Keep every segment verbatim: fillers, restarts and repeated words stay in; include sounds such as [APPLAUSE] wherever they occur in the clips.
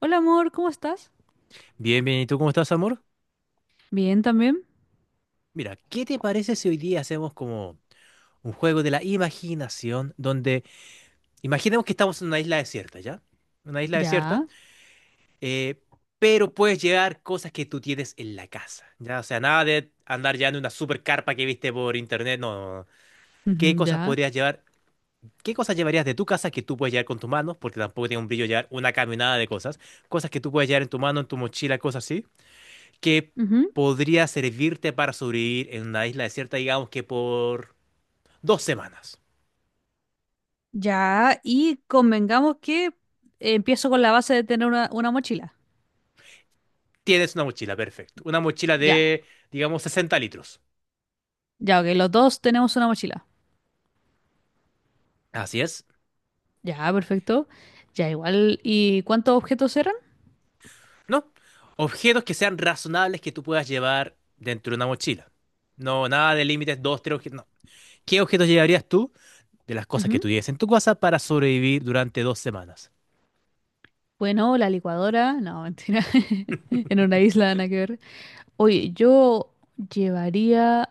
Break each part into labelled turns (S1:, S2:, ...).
S1: Hola, amor, ¿cómo estás?
S2: Bien, bien, ¿y tú cómo estás, amor?
S1: Bien también.
S2: Mira, ¿qué te parece si hoy día hacemos como un juego de la imaginación donde imaginemos que estamos en una isla desierta, ya? Una isla desierta,
S1: Ya.
S2: eh, pero puedes llevar cosas que tú tienes en la casa, ¿ya? O sea, nada de andar llevando una super carpa que viste por internet, no, no, no. ¿Qué
S1: Ujú.
S2: cosas
S1: Ya.
S2: podrías llevar? ¿Qué cosas llevarías de tu casa que tú puedes llevar con tus manos? Porque tampoco tiene un brillo llevar una caminada de cosas. Cosas que tú puedes llevar en tu mano, en tu mochila, cosas así, que
S1: Ujú.
S2: podría servirte para sobrevivir en una isla desierta, digamos que por dos semanas.
S1: Ya, y convengamos que empiezo con la base de tener una, una mochila.
S2: Tienes una mochila, perfecto. Una mochila
S1: Ya,
S2: de, digamos, sesenta litros.
S1: ya, ok, los dos tenemos una mochila.
S2: Así es.
S1: Ya, perfecto. Ya, igual. ¿Y cuántos objetos eran?
S2: No. Objetos que sean razonables que tú puedas llevar dentro de una mochila. No, nada de límites, dos, tres objetos. No. ¿Qué objetos llevarías tú de las cosas que
S1: Ujú.
S2: tuvieras en tu casa para sobrevivir durante dos semanas?
S1: Bueno, la licuadora. No, mentira. [LAUGHS] En una isla, nada que ver. Oye, yo llevaría.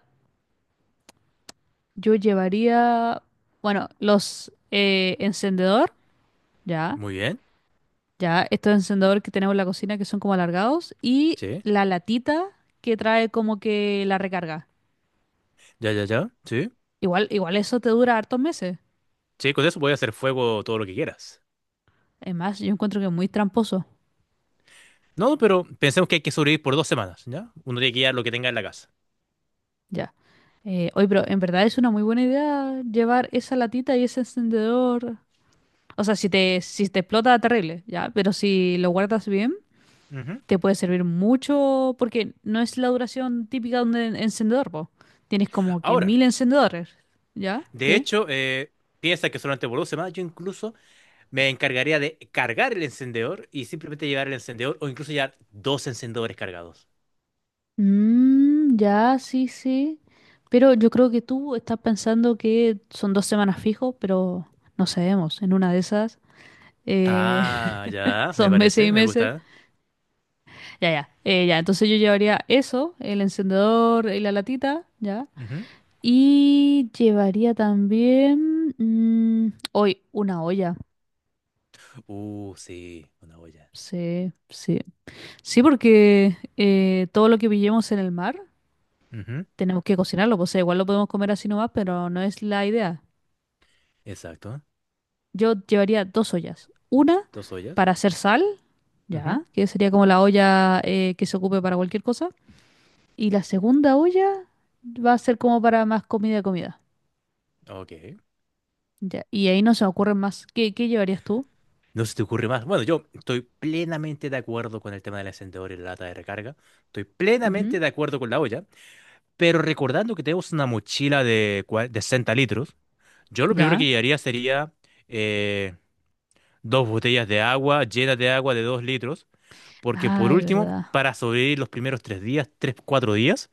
S1: Yo llevaría. Bueno, los eh, encendedor. Ya.
S2: Muy bien.
S1: Ya, estos encendedores que tenemos en la cocina, que son como alargados, y
S2: Sí.
S1: la latita que trae como que la recarga.
S2: Ya, ya, ya. Sí.
S1: Igual, igual eso te dura hartos meses.
S2: Sí, con eso puedes hacer fuego todo lo que quieras.
S1: Es más, yo encuentro que es muy tramposo.
S2: No, pero pensemos que hay que sobrevivir por dos semanas, ¿ya? Uno tiene que llevar lo que tenga en la casa.
S1: Ya. Eh, oye, pero en verdad es una muy buena idea llevar esa latita y ese encendedor. O sea, si te, si te explota, terrible, ya. Pero si lo guardas bien,
S2: Ujú.
S1: te puede servir mucho porque no es la duración típica de un en- encendedor, po. Tienes como que
S2: Ahora,
S1: mil encendedores, ¿ya?
S2: de
S1: ¿Qué?
S2: hecho, eh, piensa que solamente por dos semanas yo incluso me encargaría de cargar el encendedor y simplemente llevar el encendedor o incluso llevar dos encendedores cargados.
S1: Mm, ya, sí, sí. Pero yo creo que tú estás pensando que son dos semanas fijo, pero no sabemos. En una de esas eh,
S2: Ah,
S1: [LAUGHS]
S2: ya, me
S1: son meses
S2: parece,
S1: y
S2: me
S1: meses.
S2: gusta.
S1: Ya, ya. Eh, ya, entonces yo llevaría eso, el encendedor y la latita, ya.
S2: Ujú.
S1: Y llevaría también, mm, hoy una olla.
S2: Uh, sí, una olla.
S1: Sí, sí. Sí, porque eh, todo lo que pillemos en el mar
S2: Ujú.
S1: tenemos que cocinarlo, pues. O sea, igual lo podemos comer así nomás, pero no es la idea.
S2: Exacto,
S1: Yo llevaría dos ollas. Una
S2: dos ollas.
S1: para hacer sal,
S2: Ujú.
S1: ya, que sería como la olla, eh, que se ocupe para cualquier cosa. Y la segunda olla va a ser como para más comida, comida.
S2: Ok.
S1: Ya. Y ahí no se me ocurren más. ¿Qué, qué llevarías tú?
S2: No se te ocurre más. Bueno, yo estoy plenamente de acuerdo con el tema del encendedor y la lata de recarga. Estoy
S1: Ujú.
S2: plenamente de acuerdo con la olla. Pero recordando que tenemos una mochila de, cua- de 60 litros, yo lo primero
S1: Ya.
S2: que llevaría sería eh, dos botellas de agua, llenas de agua de dos litros, porque por
S1: Ay,
S2: último,
S1: verdad.
S2: para sobrevivir los primeros tres días, tres cuatro días,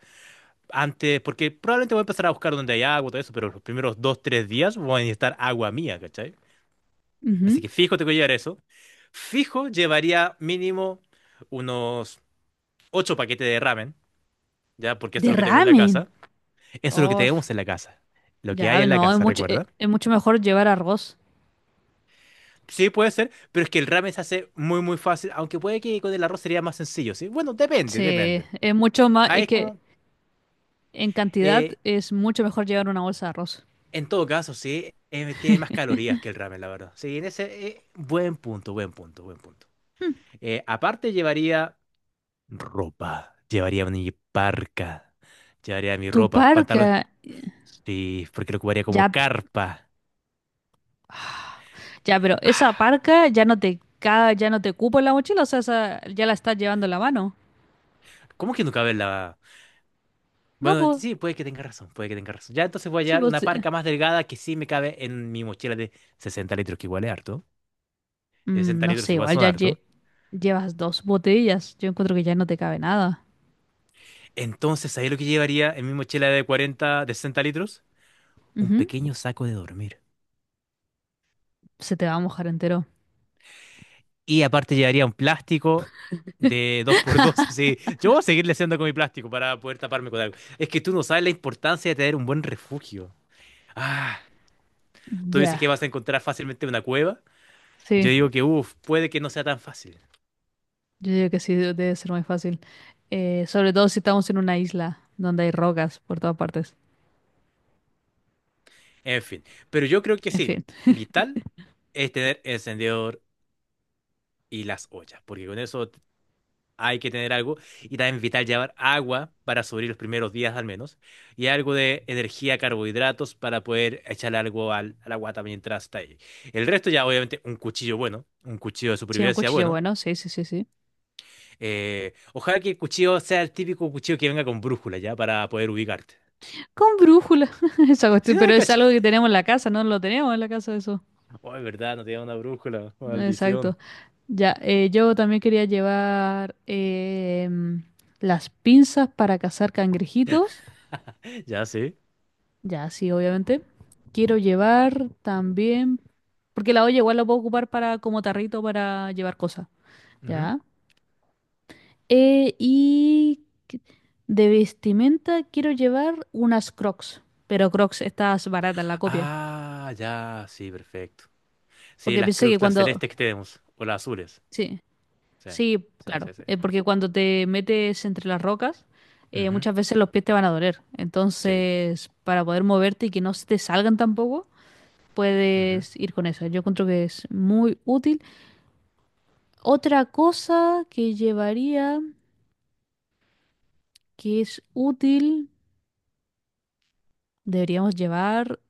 S2: antes, porque probablemente voy a empezar a buscar donde hay agua, todo eso, pero los primeros dos tres días voy a necesitar agua mía, ¿cachai? Así que
S1: Ujú.
S2: fijo tengo que llevar eso. Fijo llevaría mínimo unos ocho paquetes de ramen, ¿ya? Porque eso es
S1: De
S2: lo que tengo en la
S1: ramen.
S2: casa. Eso es lo que
S1: Oh,
S2: tenemos en la casa. Lo que hay
S1: ya,
S2: en la
S1: no, es
S2: casa,
S1: mucho, e-
S2: ¿recuerda?
S1: es, mucho mejor llevar arroz.
S2: Sí, puede ser, pero es que el ramen se hace muy, muy fácil, aunque puede que con el arroz sería más sencillo, ¿sí? Bueno, depende,
S1: Sí,
S2: depende.
S1: es mucho más,
S2: Ahí
S1: es
S2: es
S1: que
S2: como,
S1: en cantidad
S2: eh,
S1: es mucho mejor llevar una bolsa de arroz.
S2: en todo caso, sí, eh, tiene más calorías que el ramen, la verdad. Sí, en ese, eh, buen punto, buen punto, buen punto.
S1: Hmm.
S2: Eh, aparte llevaría ropa, llevaría mi parca, llevaría mi
S1: Tu
S2: ropa, pantalón.
S1: parca,
S2: Sí, porque lo ocuparía como
S1: ya.
S2: carpa.
S1: Ya, pero esa
S2: Ah,
S1: parca ya no te ca- ya no te cupo en la mochila, o sea, esa ya la estás llevando en la mano.
S2: ¿cómo que no cabe en la?
S1: No,
S2: Bueno,
S1: pues,
S2: sí, puede que tenga razón, puede que tenga razón. Ya entonces voy a
S1: sí,
S2: llevar
S1: pues,
S2: una
S1: sí.
S2: parca más delgada que sí me cabe en mi mochila de sesenta litros, que igual es harto.
S1: Mm,
S2: Sesenta
S1: no
S2: litros
S1: sé,
S2: igual
S1: igual
S2: son
S1: ya lle-
S2: harto.
S1: llevas dos botellas. Yo encuentro que ya no te cabe nada.
S2: Entonces, ahí lo que llevaría en mi mochila de cuarenta, de sesenta litros. Un
S1: Ujú.
S2: pequeño saco de dormir.
S1: Se te va a mojar entero.
S2: Y aparte llevaría un plástico de dos por dos. [LAUGHS] Así. Yo voy a seguirle haciendo con mi plástico para poder taparme con algo. Es que tú no sabes la importancia de tener un buen refugio. Ah, tú dices
S1: Ya,
S2: que vas a encontrar fácilmente una cueva. Yo
S1: sí,
S2: digo que, uff, puede que no sea tan fácil.
S1: yo digo que sí, de- debe ser muy fácil. Eh, sobre todo si estamos en una isla donde hay rocas por todas partes.
S2: En fin, pero yo creo que
S1: En
S2: sí,
S1: fin,
S2: vital es tener encendedor y las ollas, porque con eso t- hay que tener algo, y también vital llevar agua para sobrevivir los primeros días al menos y algo de energía, carbohidratos para poder echar algo al, a la guata mientras está ahí. El resto ya obviamente un cuchillo bueno, un cuchillo de
S1: sí, un
S2: supervivencia
S1: cuchillo
S2: bueno.
S1: bueno, sí, sí, sí, sí.
S2: Eh, ojalá que el cuchillo sea el típico cuchillo que venga con brújula ya para poder ubicarte. [LAUGHS]
S1: Con brújula, [LAUGHS] esa
S2: Si
S1: cuestión,
S2: no
S1: pero
S2: le
S1: es
S2: cachas.
S1: algo que tenemos en la casa, no lo tenemos en la casa eso.
S2: Oh, es verdad, no tenía una brújula, maldición.
S1: Exacto. Ya, eh, yo también quería llevar, em, las pinzas para cazar cangrejitos.
S2: Ya, sí.
S1: Ya, sí, obviamente. Quiero llevar también, porque la olla igual la puedo ocupar para como tarrito para llevar cosas. Ya. Eh, y que- de vestimenta quiero llevar unas Crocs, pero Crocs estas baratas, la copia.
S2: Ah, ya, sí, perfecto. Sí,
S1: Porque
S2: las
S1: pensé que
S2: crux, las
S1: cuando.
S2: celestes que tenemos, o las azules.
S1: Sí.
S2: Sí,
S1: Sí,
S2: sí,
S1: claro,
S2: sí, sí.
S1: eh, porque cuando te metes entre las rocas, eh,
S2: Ujú.
S1: muchas veces los pies te van a doler.
S2: Sí.
S1: Entonces, para poder moverte y que no se te salgan tampoco,
S2: Ujú.
S1: puedes ir con eso. Yo encuentro que es muy útil. Otra cosa que llevaría, que es útil, deberíamos llevar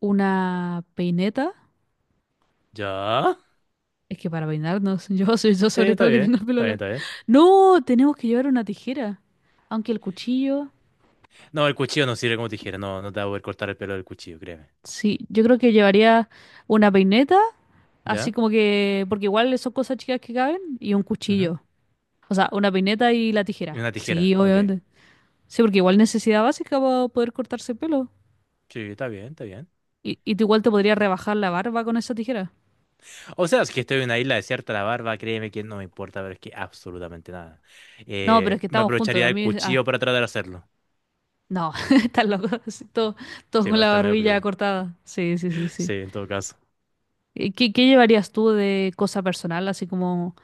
S1: una peineta.
S2: ¿Ya?
S1: Es que para peinarnos, [LAUGHS] yo soy, yo
S2: Sí,
S1: sobre
S2: está
S1: todo que
S2: bien,
S1: tengo el pelo
S2: está bien,
S1: largo.
S2: está bien.
S1: No, tenemos que llevar una tijera. Aunque el cuchillo.
S2: No, el cuchillo no sirve como tijera, no, no te va a poder cortar el pelo del cuchillo, créeme.
S1: Sí, yo creo que llevaría una peineta, así
S2: ¿Ya?
S1: como que, porque igual son cosas chicas que caben, y un
S2: Ujú.
S1: cuchillo. O sea, una peineta y la
S2: Y
S1: tijera.
S2: una tijera,
S1: Sí,
S2: ok.
S1: obviamente. Sí, porque igual necesidad básica para poder cortarse el pelo.
S2: Sí, está bien, está bien.
S1: Y, y tú igual te podrías rebajar la barba con esa tijera.
S2: O sea, si es que estoy en una isla desierta, la barba, créeme que no me importa, pero es que absolutamente nada.
S1: No, pero es
S2: Eh,
S1: que
S2: me
S1: estamos juntos.
S2: aprovecharía
S1: A
S2: del
S1: mí, ah,
S2: cuchillo para tratar de hacerlo.
S1: no, [LAUGHS] estás loco. Así, todo- todos
S2: Sí,
S1: con
S2: va a
S1: la
S2: estar medio
S1: barbilla
S2: peludo.
S1: cortada. Sí, sí, sí, sí.
S2: Sí, en todo caso.
S1: Eh, ¿Qué, qué llevarías tú de cosa personal? Así como,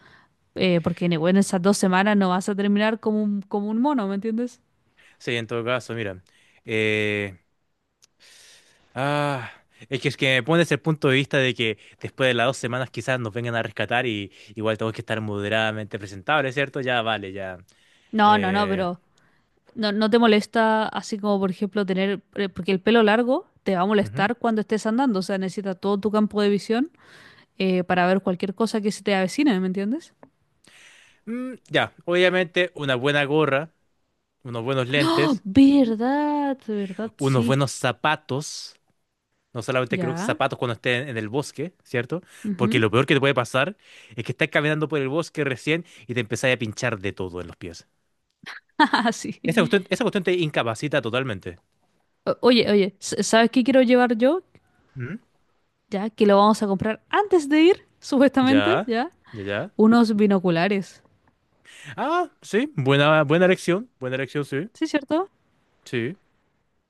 S1: eh, porque bueno, en esas dos semanas no vas a terminar como un, como un mono, ¿me entiendes?
S2: Sí, en todo caso, mira. eh, ah, es que, es que me pones el punto de vista de que después de las dos semanas quizás nos vengan a rescatar y igual tengo que estar moderadamente presentable, ¿cierto? Ya, vale, ya.
S1: No, no, no,
S2: Eh,
S1: pero no, no te molesta así como por ejemplo tener, eh, porque el pelo largo te va a
S2: ujú.
S1: molestar cuando estés andando, o sea, necesitas todo tu campo de visión, eh, para ver cualquier cosa que se te avecine, ¿me entiendes?
S2: Mm, ya, obviamente una buena gorra, unos buenos
S1: ¡Oh,
S2: lentes,
S1: verdad, verdad,
S2: unos
S1: sí,
S2: buenos zapatos. No solamente creo que
S1: ya,
S2: zapatos cuando estés en el bosque, ¿cierto? Porque
S1: ujú!
S2: lo peor que te puede pasar es que estás caminando por el bosque recién y te empezás a pinchar de todo en los pies.
S1: [LAUGHS] Ajá, sí.
S2: Esa cuestión, esa cuestión te incapacita totalmente.
S1: O- Oye, oye, s- ¿sabes qué quiero llevar yo?
S2: Mm.
S1: Ya, que lo vamos a comprar antes de ir, supuestamente,
S2: Ya,
S1: ya,
S2: ya, ya.
S1: unos binoculares,
S2: Ah, sí, buena, buena elección, buena elección, sí,
S1: ¿sí, cierto?
S2: sí.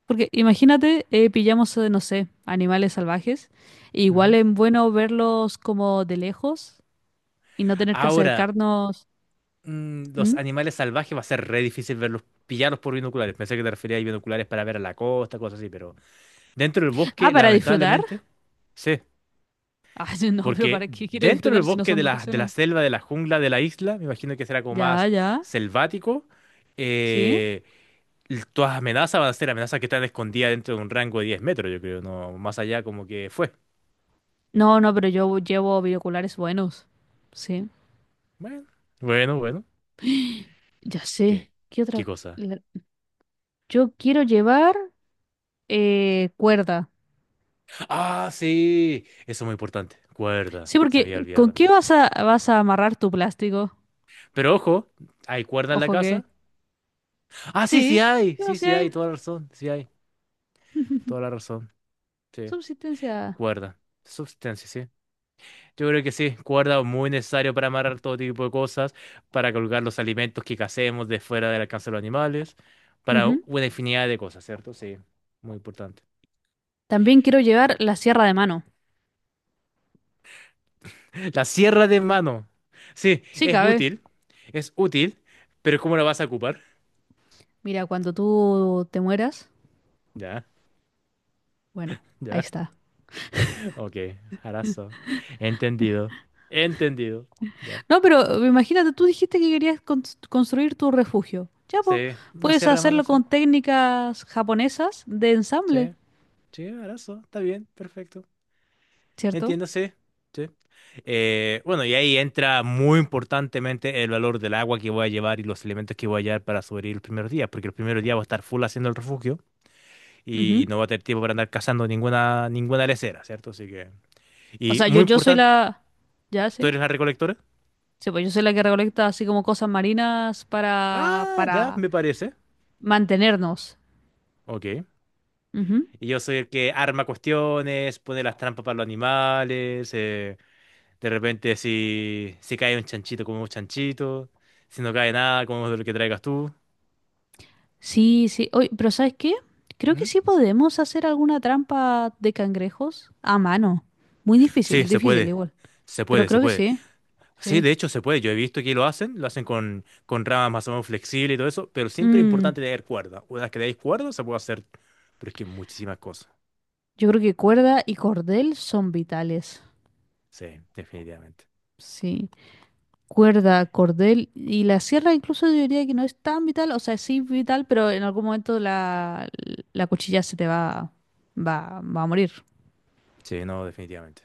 S1: Porque imagínate, eh, pillamos, eh, no sé, animales salvajes, e igual
S2: Ujú.
S1: es bueno verlos como de lejos y no tener que
S2: Ahora,
S1: acercarnos.
S2: mm, los
S1: ¿Mm?
S2: animales salvajes va a ser re difícil verlos, pillarlos por binoculares. Pensé que te referías a binoculares para ver a la costa, cosas así, pero dentro del
S1: Ah,
S2: bosque,
S1: para disfrutar.
S2: lamentablemente, sí.
S1: Ah, [LAUGHS] no, pero
S2: Porque
S1: ¿para qué quiero
S2: dentro del
S1: disfrutar si no
S2: bosque
S1: son
S2: de la, de la
S1: vacaciones?
S2: selva, de la jungla, de la isla, me imagino que será como
S1: Ya,
S2: más
S1: ya,
S2: selvático,
S1: sí.
S2: eh, l- todas las amenazas van a ser amenazas que están escondidas dentro de un rango de diez metros, yo creo, no más allá como que fue.
S1: No, no, pero yo llevo binoculares buenos. Sí,
S2: Bueno, bueno, bueno.
S1: ya
S2: ¿Qué?
S1: sé. ¿Qué
S2: ¿Qué
S1: otra?
S2: cosa?
S1: la- Yo quiero llevar, eh, cuerda.
S2: Ah, sí. Eso es muy importante. Cuerda.
S1: Sí,
S2: Se había
S1: porque ¿con
S2: olvidado
S1: qué
S2: también.
S1: vas a, vas a amarrar tu plástico?
S2: Pero ojo, ¿hay cuerda en la
S1: Ojo que.
S2: casa? Ah, sí, sí
S1: Sí,
S2: hay.
S1: ¿qué
S2: Sí,
S1: vas a?
S2: sí hay. Toda la razón. Sí hay. Toda
S1: [LAUGHS]
S2: la razón. Sí.
S1: Subsistencia.
S2: Cuerda. Substancia, sí. Yo creo que sí. Cuerda muy necesario para amarrar todo tipo de cosas, para colgar los alimentos que cacemos de fuera del alcance de los animales, para
S1: Ujú.
S2: una infinidad de cosas, ¿cierto? Sí. Muy importante.
S1: También quiero llevar la sierra de mano.
S2: La sierra de mano. Sí,
S1: Sí,
S2: es
S1: cabe.
S2: útil. Es útil. Pero ¿cómo la vas a ocupar?
S1: Mira, cuando tú te mueras,
S2: Ya,
S1: bueno, ahí
S2: ya.
S1: está.
S2: Ok, harazo. Entendido. Entendido. Ya.
S1: No, pero eh, imagínate, tú dijiste que querías cons- construir tu refugio. Ya, pues,
S2: Sí, una
S1: puedes
S2: sierra de mano,
S1: hacerlo
S2: sí.
S1: con técnicas japonesas de ensamble,
S2: Sí, sí, harazo. Está bien, perfecto.
S1: ¿cierto?
S2: Entiendo, sí. Sí. Eh, bueno, y ahí entra muy importantemente el valor del agua que voy a llevar y los elementos que voy a llevar para sobrevivir los primeros días, porque los primeros días voy a estar full haciendo el refugio y
S1: Ujú.
S2: no voy a tener tiempo para andar cazando ninguna, ninguna lesera, ¿cierto? Así que.
S1: O
S2: Y
S1: sea, yo,
S2: muy
S1: yo soy
S2: importante,
S1: la. Ya,
S2: ¿tú
S1: sí.
S2: eres la recolectora?
S1: Sí, pues yo soy la que recolecta así como cosas marinas para,
S2: Ah, ya,
S1: para
S2: me parece.
S1: mantenernos.
S2: Ok.
S1: Ujú.
S2: Y yo soy el que arma cuestiones, pone las trampas para los animales. eh, de repente, si, si cae un chanchito, comemos chanchito. Si no cae nada, comemos lo que traigas tú.
S1: Sí, sí. Oye, pero ¿sabes qué? Creo que
S2: ¿Mm?
S1: sí podemos hacer alguna trampa de cangrejos a mano. Muy
S2: Sí,
S1: difícil,
S2: se
S1: difícil
S2: puede.
S1: igual.
S2: Se
S1: Pero
S2: puede, se
S1: creo que
S2: puede.
S1: sí,
S2: Sí,
S1: sí.
S2: de hecho, se puede. Yo he visto que lo hacen. Lo hacen con, con ramas más o menos flexibles y todo eso. Pero siempre es
S1: Mm,
S2: importante tener cuerda. Una vez que tenéis cuerda, se puede hacer. Pero es que muchísimas cosas.
S1: yo creo que cuerda y cordel son vitales.
S2: Sí, definitivamente.
S1: Sí. Cuerda, cordel y la sierra incluso yo diría que no es tan vital. O sea, sí vital, pero en algún momento la, la cuchilla se te va, va, va a morir.
S2: Sí, no, definitivamente.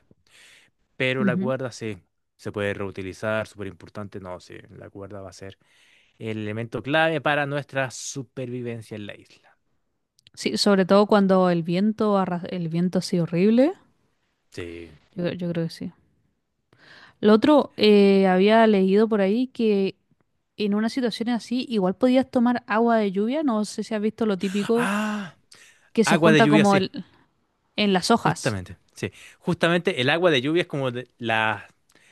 S2: Pero la
S1: Ujú.
S2: cuerda sí, se puede reutilizar, súper importante. No, sí, la cuerda va a ser el elemento clave para nuestra supervivencia en la isla.
S1: Sí, sobre todo cuando el viento, arra- el viento así horrible.
S2: Sí.
S1: Yo, yo creo que sí. Lo otro, eh, había leído por ahí que en una situación así igual podías tomar agua de lluvia. No sé si has visto lo típico
S2: Ah,
S1: que se
S2: agua de
S1: junta,
S2: lluvia,
S1: como
S2: sí.
S1: el, en las hojas.
S2: Justamente, sí. Justamente el agua de lluvia es como de- la,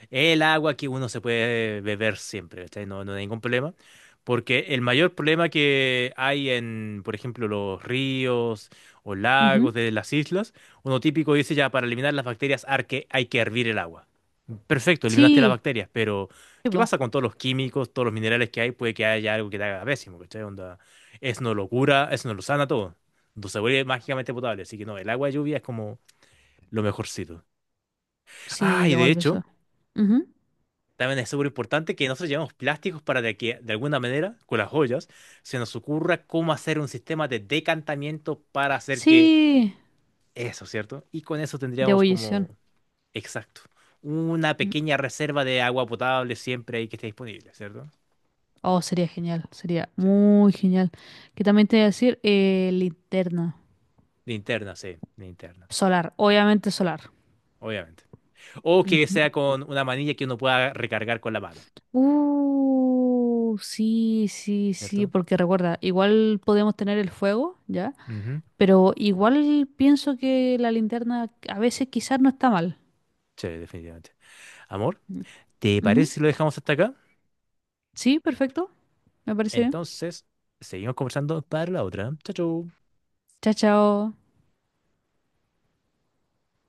S2: el agua que uno se puede beber siempre, ¿cachai? No, no hay ningún problema. Porque el mayor problema que hay en, por ejemplo, los ríos o
S1: Ujú.
S2: lagos de las islas, uno típico dice ya, para eliminar las bacterias hay que, hay que hervir el agua. Perfecto, eliminaste las
S1: Sí,
S2: bacterias, pero
S1: sí,
S2: ¿qué
S1: po.
S2: pasa con todos los químicos, todos los minerales que hay? Puede que haya algo que te haga pésimo, ¿cachai? Onda, eso no lo cura, eso no lo sana todo. No se vuelve mágicamente potable. Así que no, el agua de lluvia es como lo mejorcito.
S1: Sí,
S2: Ah, y
S1: llegó
S2: de
S1: al
S2: hecho,
S1: beso. Ujú.
S2: también es súper importante que nosotros llevemos plásticos para de que, de alguna manera, con las joyas, se nos ocurra cómo hacer un sistema de decantamiento para hacer que
S1: Sí,
S2: eso, ¿cierto? Y con eso
S1: de
S2: tendríamos
S1: ebullición.
S2: como, exacto, una
S1: Mm.
S2: pequeña reserva de agua potable siempre ahí que esté disponible, ¿cierto?
S1: Oh, sería genial, sería
S2: Sí.
S1: muy genial. Que también te voy a decir, eh, linterna
S2: Linterna, sí, linterna,
S1: solar, obviamente solar.
S2: obviamente. O que
S1: Ujú.
S2: sea con una manilla que uno pueda recargar con la mano,
S1: Uh, sí, sí, sí,
S2: ¿cierto?
S1: porque recuerda, igual podemos tener el fuego, ¿ya?
S2: Ujú.
S1: Pero igual pienso que la linterna a veces quizás no está mal.
S2: Sí, definitivamente. Amor,
S1: Mm.
S2: ¿te
S1: Ujú.
S2: parece si lo dejamos hasta acá?
S1: Sí, perfecto, me parece bien.
S2: Entonces, seguimos conversando para la otra. Chau, chau.
S1: Chao, chao.